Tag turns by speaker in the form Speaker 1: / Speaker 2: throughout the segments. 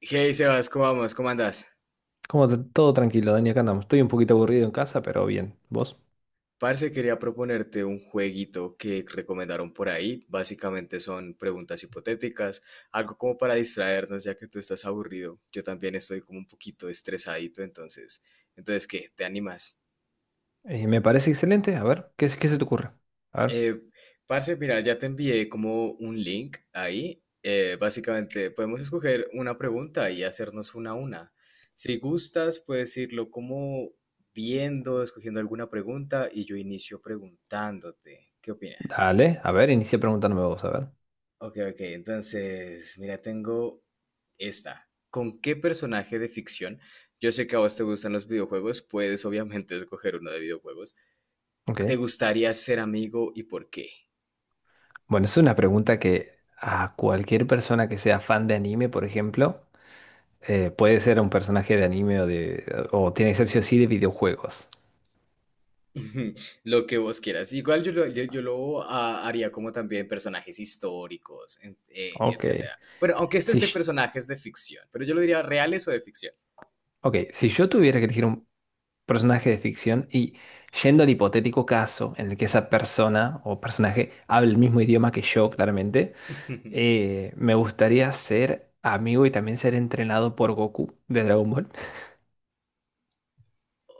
Speaker 1: Hey Sebas, ¿cómo vamos? ¿Cómo andás?
Speaker 2: Todo tranquilo, Dani, acá andamos. Estoy un poquito aburrido en casa, pero bien. ¿Vos?
Speaker 1: Parce, quería proponerte un jueguito que recomendaron por ahí. Básicamente son preguntas hipotéticas, algo como para distraernos, ya que tú estás aburrido. Yo también estoy como un poquito estresadito, entonces, ¿qué? ¿Te animas?
Speaker 2: Me parece excelente. A ver, ¿ qué se te ocurre? A ver,
Speaker 1: Eh, parce, mira, ya te envié como un link ahí. Básicamente, podemos escoger una pregunta y hacernos una a una. Si gustas, puedes irlo como viendo, escogiendo alguna pregunta y yo inicio preguntándote. ¿Qué opinas?
Speaker 2: dale, a ver, inicia preguntándome vos, a ver.
Speaker 1: Ok, ok, entonces, mira, tengo esta. ¿Con qué personaje de ficción? Yo sé que a vos te gustan los videojuegos, puedes obviamente escoger uno de videojuegos.
Speaker 2: Ok.
Speaker 1: ¿Te gustaría ser amigo y por qué?
Speaker 2: Bueno, es una pregunta que a cualquier persona que sea fan de anime, por ejemplo, puede ser un personaje de anime o tiene que ser sí o sí de videojuegos.
Speaker 1: Lo que vos quieras. Igual yo lo haría como también personajes históricos,
Speaker 2: Ok.
Speaker 1: etcétera. Bueno, aunque este es
Speaker 2: Si,
Speaker 1: de
Speaker 2: sh-
Speaker 1: personajes de ficción, pero yo lo diría reales o de ficción.
Speaker 2: ok, si yo tuviera que elegir un personaje de ficción y yendo al hipotético caso en el que esa persona o personaje hable el mismo idioma que yo, claramente. Me gustaría ser amigo y también ser entrenado por Goku de Dragon Ball.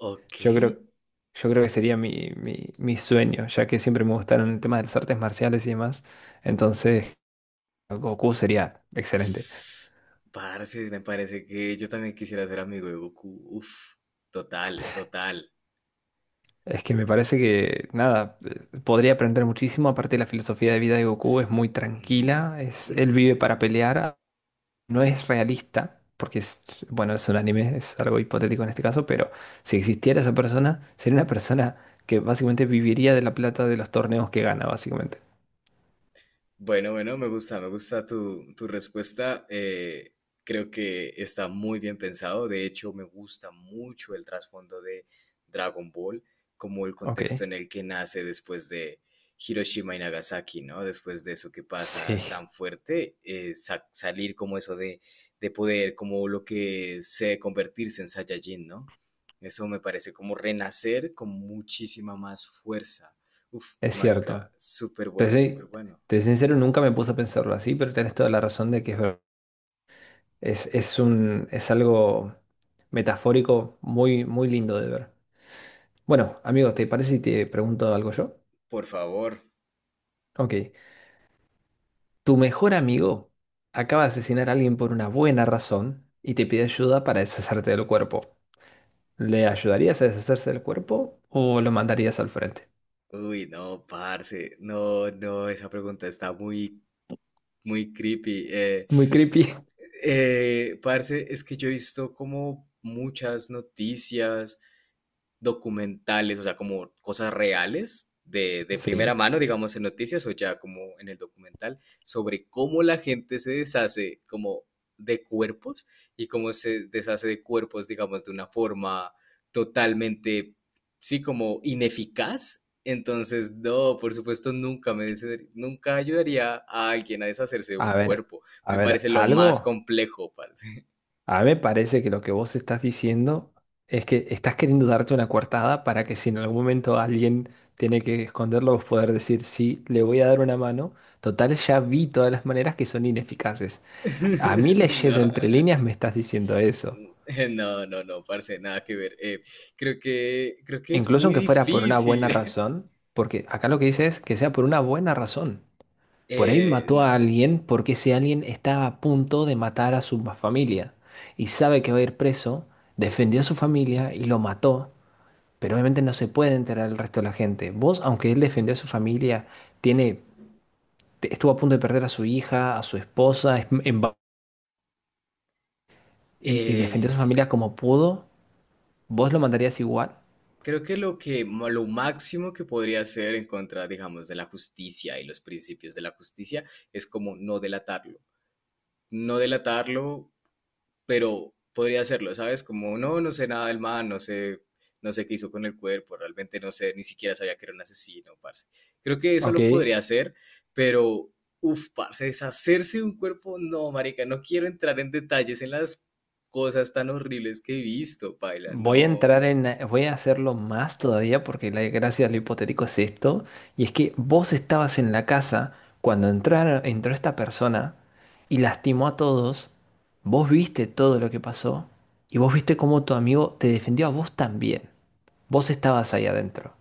Speaker 1: Ok.
Speaker 2: Yo creo, yo creo que sería mi sueño, ya que siempre me gustaron el tema de las artes marciales y demás. Entonces, Goku sería excelente.
Speaker 1: Parce, me parece que yo también quisiera ser amigo de Goku. Uf, total, total.
Speaker 2: Es que me parece que, nada, podría aprender muchísimo. Aparte, la filosofía de vida de Goku es muy
Speaker 1: Mm,
Speaker 2: tranquila. Es,
Speaker 1: mm.
Speaker 2: él vive para pelear, no es realista, porque es, bueno, es un anime, es algo hipotético en este caso, pero si existiera esa persona, sería una persona que básicamente viviría de la plata de los torneos que gana, básicamente.
Speaker 1: Bueno, bueno, me gusta tu respuesta. Creo que está muy bien pensado. De hecho, me gusta mucho el trasfondo de Dragon Ball, como el
Speaker 2: Ok.
Speaker 1: contexto en el que nace después de Hiroshima y Nagasaki, ¿no? Después de eso que pasa
Speaker 2: Sí,
Speaker 1: tan fuerte, salir como eso de poder, como lo que sé convertirse en Saiyajin, ¿no? Eso me parece como renacer con muchísima más fuerza. Uf,
Speaker 2: es
Speaker 1: marica,
Speaker 2: cierto.
Speaker 1: súper
Speaker 2: Te
Speaker 1: bueno, súper
Speaker 2: soy,
Speaker 1: bueno.
Speaker 2: te soy sincero, nunca me puse a pensarlo así, pero tienes toda la razón de que es un, es algo metafórico muy, muy lindo de ver. Bueno, amigo, ¿te parece si te pregunto algo yo?
Speaker 1: Por favor.
Speaker 2: Ok. Tu mejor amigo acaba de asesinar a alguien por una buena razón y te pide ayuda para deshacerte del cuerpo. ¿Le ayudarías a deshacerse del cuerpo o lo mandarías al frente?
Speaker 1: Uy, no, parce. No, no, esa pregunta está muy, muy creepy.
Speaker 2: Muy creepy.
Speaker 1: Parce, es que yo he visto como muchas noticias documentales, o sea, como cosas reales de primera
Speaker 2: Sí.
Speaker 1: mano, digamos, en noticias o ya como en el documental, sobre cómo la gente se deshace como de cuerpos y cómo se deshace de cuerpos, digamos, de una forma totalmente, sí, como ineficaz. Entonces, no, por supuesto, nunca me deshacer- nunca ayudaría a alguien a deshacerse de un
Speaker 2: A ver,
Speaker 1: cuerpo.
Speaker 2: a
Speaker 1: Me
Speaker 2: ver,
Speaker 1: parece lo más
Speaker 2: algo.
Speaker 1: complejo, parce.
Speaker 2: A mí me parece que lo que vos estás diciendo es que estás queriendo darte una coartada para que si en algún momento alguien tiene que esconderlo, vos poder decir, sí, le voy a dar una mano. Total, ya vi todas las maneras que son ineficaces. A mí
Speaker 1: No.
Speaker 2: leyendo entre líneas me estás diciendo eso.
Speaker 1: No, no, no, parce, nada que ver. Creo que es
Speaker 2: Incluso
Speaker 1: muy
Speaker 2: aunque fuera por una
Speaker 1: difícil.
Speaker 2: buena razón, porque acá lo que dice es que sea por una buena razón. Por ahí mató a
Speaker 1: No.
Speaker 2: alguien porque ese alguien estaba a punto de matar a su familia y sabe que va a ir preso, defendió a su familia y lo mató, pero obviamente no se puede enterar el resto de la gente. Vos, aunque él defendió a su familia, tiene, estuvo a punto de perder a su hija, a su esposa, y defendió
Speaker 1: Eh,
Speaker 2: a su familia como pudo, ¿vos lo mandarías igual?
Speaker 1: creo que lo que, lo máximo que podría hacer en contra, digamos, de la justicia y los principios de la justicia es como no delatarlo. No delatarlo pero podría hacerlo, ¿sabes? Como, no, no sé nada del man, no sé, no sé qué hizo con el cuerpo, realmente no sé, ni siquiera sabía que era un asesino, parce. Creo que eso lo
Speaker 2: Ok.
Speaker 1: podría hacer, pero, uff, parce, deshacerse de un cuerpo, no, marica, no quiero entrar en detalles en las cosas tan horribles que he visto, paila, no.
Speaker 2: Voy a hacerlo más todavía porque la gracia de lo hipotético es esto, y es que vos estabas en la casa cuando entraron, entró esta persona y lastimó a todos, vos viste todo lo que pasó y vos viste cómo tu amigo te defendió a vos también, vos estabas ahí adentro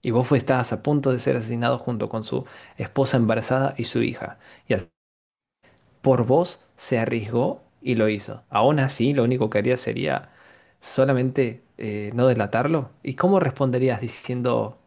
Speaker 2: y estabas a punto de ser asesinado junto con su esposa embarazada y su hija, y al por vos se arriesgó y lo hizo. Aún así, lo único que haría sería solamente no delatarlo. ¿Y cómo responderías diciendo,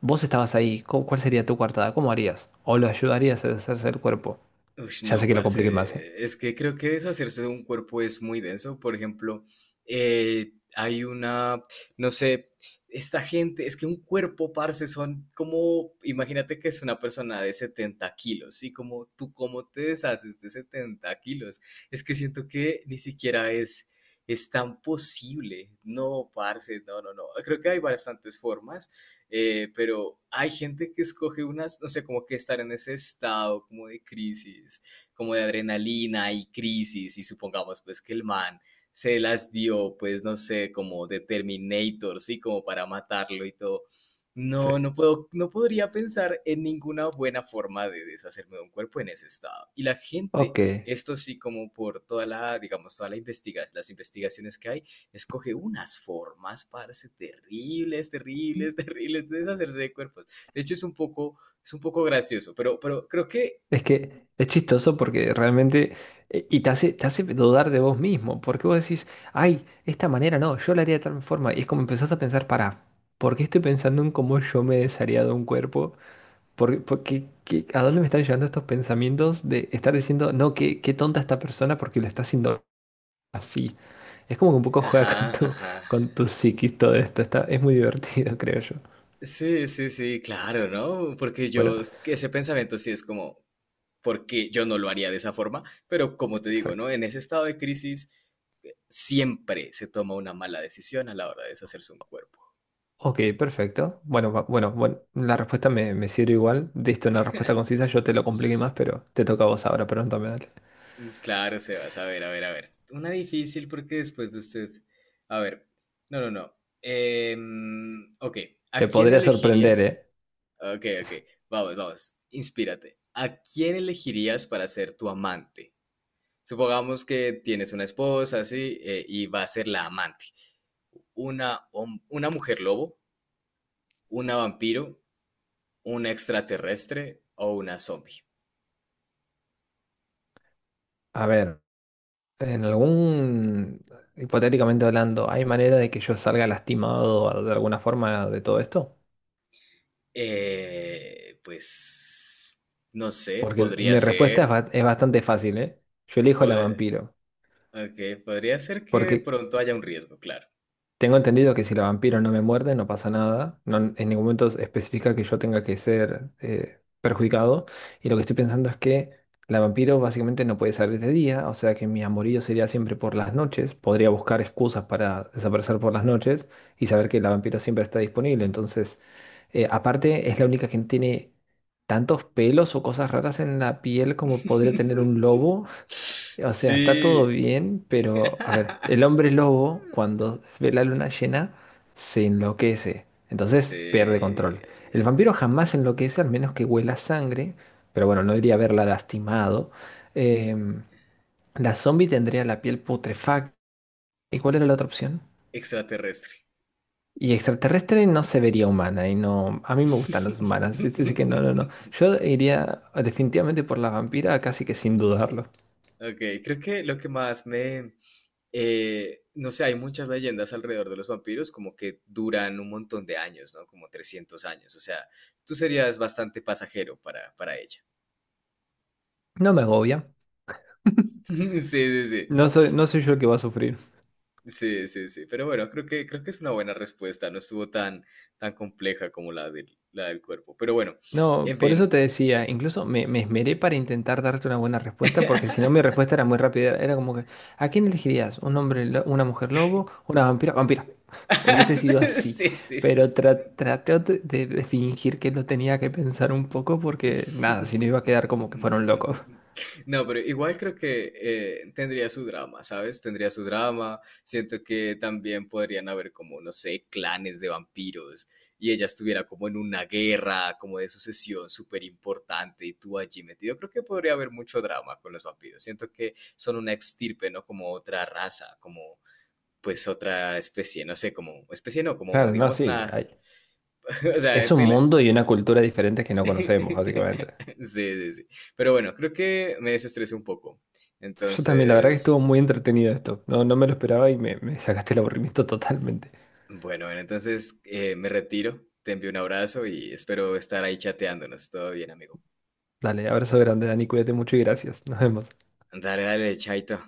Speaker 2: vos estabas ahí? ¿ Cuál sería tu coartada? ¿Cómo harías? ¿O lo ayudarías a deshacerse del cuerpo?
Speaker 1: Ush,
Speaker 2: Ya sé
Speaker 1: no,
Speaker 2: que lo compliqué más, ¿eh?
Speaker 1: parce. Es que creo que deshacerse de un cuerpo es muy denso. Por ejemplo, eh, hay una, no sé, esta gente, es que un cuerpo, parce, son como, imagínate que es una persona de 70 kilos, ¿sí? Como tú, ¿cómo te deshaces de 70 kilos? Es que siento que ni siquiera es tan posible. No, parce, no, no, no. Creo que hay bastantes formas pero hay gente que escoge unas, no sé, como que estar en ese estado como de crisis, como de adrenalina y crisis, y supongamos pues que el man se las dio, pues no sé, como de Terminator, sí, como para matarlo y todo.
Speaker 2: Sí.
Speaker 1: No, no puedo, no podría pensar en ninguna buena forma de deshacerme de un cuerpo en ese estado. Y la gente,
Speaker 2: Ok.
Speaker 1: esto sí, como por toda digamos, toda la investigación, las investigaciones que hay, escoge unas formas, parce, terribles, terribles, terribles, de deshacerse de cuerpos. De hecho, es un poco gracioso, pero creo que...
Speaker 2: Es que es chistoso porque realmente... y te hace dudar de vos mismo, porque vos decís, ay, esta manera no, yo la haría de tal forma. Y es como empezás a pensar, para, ¿por qué estoy pensando en cómo yo me desharía de un cuerpo? ¿A dónde me están llevando estos pensamientos de estar diciendo, no, qué tonta esta persona porque lo está haciendo así? Es como que un poco juega con
Speaker 1: Ajá, ajá.
Speaker 2: con tu psiquis todo esto. Está, es muy divertido, creo yo.
Speaker 1: Sí, sí, sí, claro, ¿no? Porque
Speaker 2: Bueno,
Speaker 1: yo, que ese pensamiento sí es como, porque yo no lo haría de esa forma, pero como te digo, ¿no?
Speaker 2: exacto.
Speaker 1: En ese estado de crisis siempre se toma una mala decisión a la hora de deshacerse un cuerpo.
Speaker 2: Ok, perfecto. Bueno, bueno, bueno, la respuesta me sirve igual. Diste una respuesta concisa, yo te lo compliqué más, pero te toca a vos ahora, pregúntame, dale.
Speaker 1: Mm, claro, Sebas. A ver, a ver, a ver. Una difícil porque después de usted. A ver. No, no, no. Em, ok. ¿A
Speaker 2: Te
Speaker 1: quién
Speaker 2: podría sorprender,
Speaker 1: elegirías?
Speaker 2: ¿eh?
Speaker 1: Ok, ok. Vamos, vamos. Inspírate. ¿A quién elegirías para ser tu amante? Supongamos que tienes una esposa, así, y va a ser la amante. ¿ Una mujer lobo? ¿Una vampiro? ¿Una extraterrestre? ¿O una zombie?
Speaker 2: A ver, en algún, hipotéticamente hablando, ¿hay manera de que yo salga lastimado de alguna forma de todo esto?
Speaker 1: Pues. No sé,
Speaker 2: Porque
Speaker 1: podría
Speaker 2: mi respuesta
Speaker 1: ser.
Speaker 2: es bastante fácil, ¿eh? Yo elijo la
Speaker 1: Pod-
Speaker 2: vampiro,
Speaker 1: ok, podría ser que de
Speaker 2: porque
Speaker 1: pronto haya un riesgo, claro.
Speaker 2: tengo entendido que si la vampiro no me muerde, no pasa nada. No, en ningún momento especifica que yo tenga que ser perjudicado. Y lo que estoy pensando es que la vampiro básicamente no puede salir de día, o sea que mi amorío sería siempre por las noches. Podría buscar excusas para desaparecer por las noches y saber que la vampiro siempre está disponible. Entonces, aparte, es la única que tiene tantos pelos o cosas raras en la piel como podría tener un lobo. O sea, está todo
Speaker 1: Sí.
Speaker 2: bien, pero a ver, el hombre lobo cuando ve la luna llena se enloquece, entonces pierde
Speaker 1: Sí.
Speaker 2: control. El vampiro jamás se enloquece al menos que huela sangre, pero bueno, no diría haberla lastimado. Em, la zombie tendría la piel putrefacta. ¿Y cuál era la otra opción?
Speaker 1: Extraterrestre.
Speaker 2: Y extraterrestre no se vería humana y no, a mí me gustan las humanas. Es decir que no, no, no. Yo iría definitivamente por la vampira, casi que sin dudarlo.
Speaker 1: Ok, creo que lo que más me... no sé, hay muchas leyendas alrededor de los vampiros como que duran un montón de años, ¿no? Como 300 años. O sea, tú serías bastante pasajero para ella.
Speaker 2: No me agobia.
Speaker 1: Sí, sí, sí.
Speaker 2: No soy yo el que va a sufrir.
Speaker 1: Sí, sí, sí. Pero bueno, creo que es una buena respuesta. No estuvo tan, tan compleja como la del cuerpo. Pero bueno,
Speaker 2: No,
Speaker 1: en
Speaker 2: por eso
Speaker 1: fin.
Speaker 2: te decía, incluso me esmeré para intentar darte una buena respuesta, porque si no mi respuesta era muy rápida, era como que, ¿a quién elegirías? ¿ Una mujer lobo, ¿una vampira? Vampira. Hubiese sido así,
Speaker 1: Sí, sí, sí.
Speaker 2: pero traté de fingir que lo tenía que pensar un poco porque nada, si no iba a quedar como que fueron locos.
Speaker 1: No, pero igual creo que tendría su drama, ¿sabes? Tendría su drama. Siento que también podrían haber como, no sé, clanes de vampiros y ella estuviera como en una guerra, como de sucesión súper importante y tú allí metido. Creo que podría haber mucho drama con los vampiros. Siento que son una extirpe, ¿no? Como otra raza, como pues otra especie, no sé, como especie no, como
Speaker 2: Claro, no,
Speaker 1: digamos
Speaker 2: sí,
Speaker 1: una, o
Speaker 2: es
Speaker 1: sea,
Speaker 2: un
Speaker 1: tela-
Speaker 2: mundo y una cultura diferentes que no conocemos, básicamente.
Speaker 1: Sí, sí, sí. Pero bueno, creo que me desestresé un poco.
Speaker 2: Yo también, la verdad que estuvo
Speaker 1: Entonces,
Speaker 2: muy entretenido esto, no, no me lo esperaba y me sacaste el aburrimiento totalmente.
Speaker 1: bueno, bueno, entonces me retiro. Te envío un abrazo y espero estar ahí chateándonos. Todo bien, amigo.
Speaker 2: Dale, abrazo grande, Dani, cuídate mucho y gracias. Nos vemos.
Speaker 1: Dale, dale, chaito.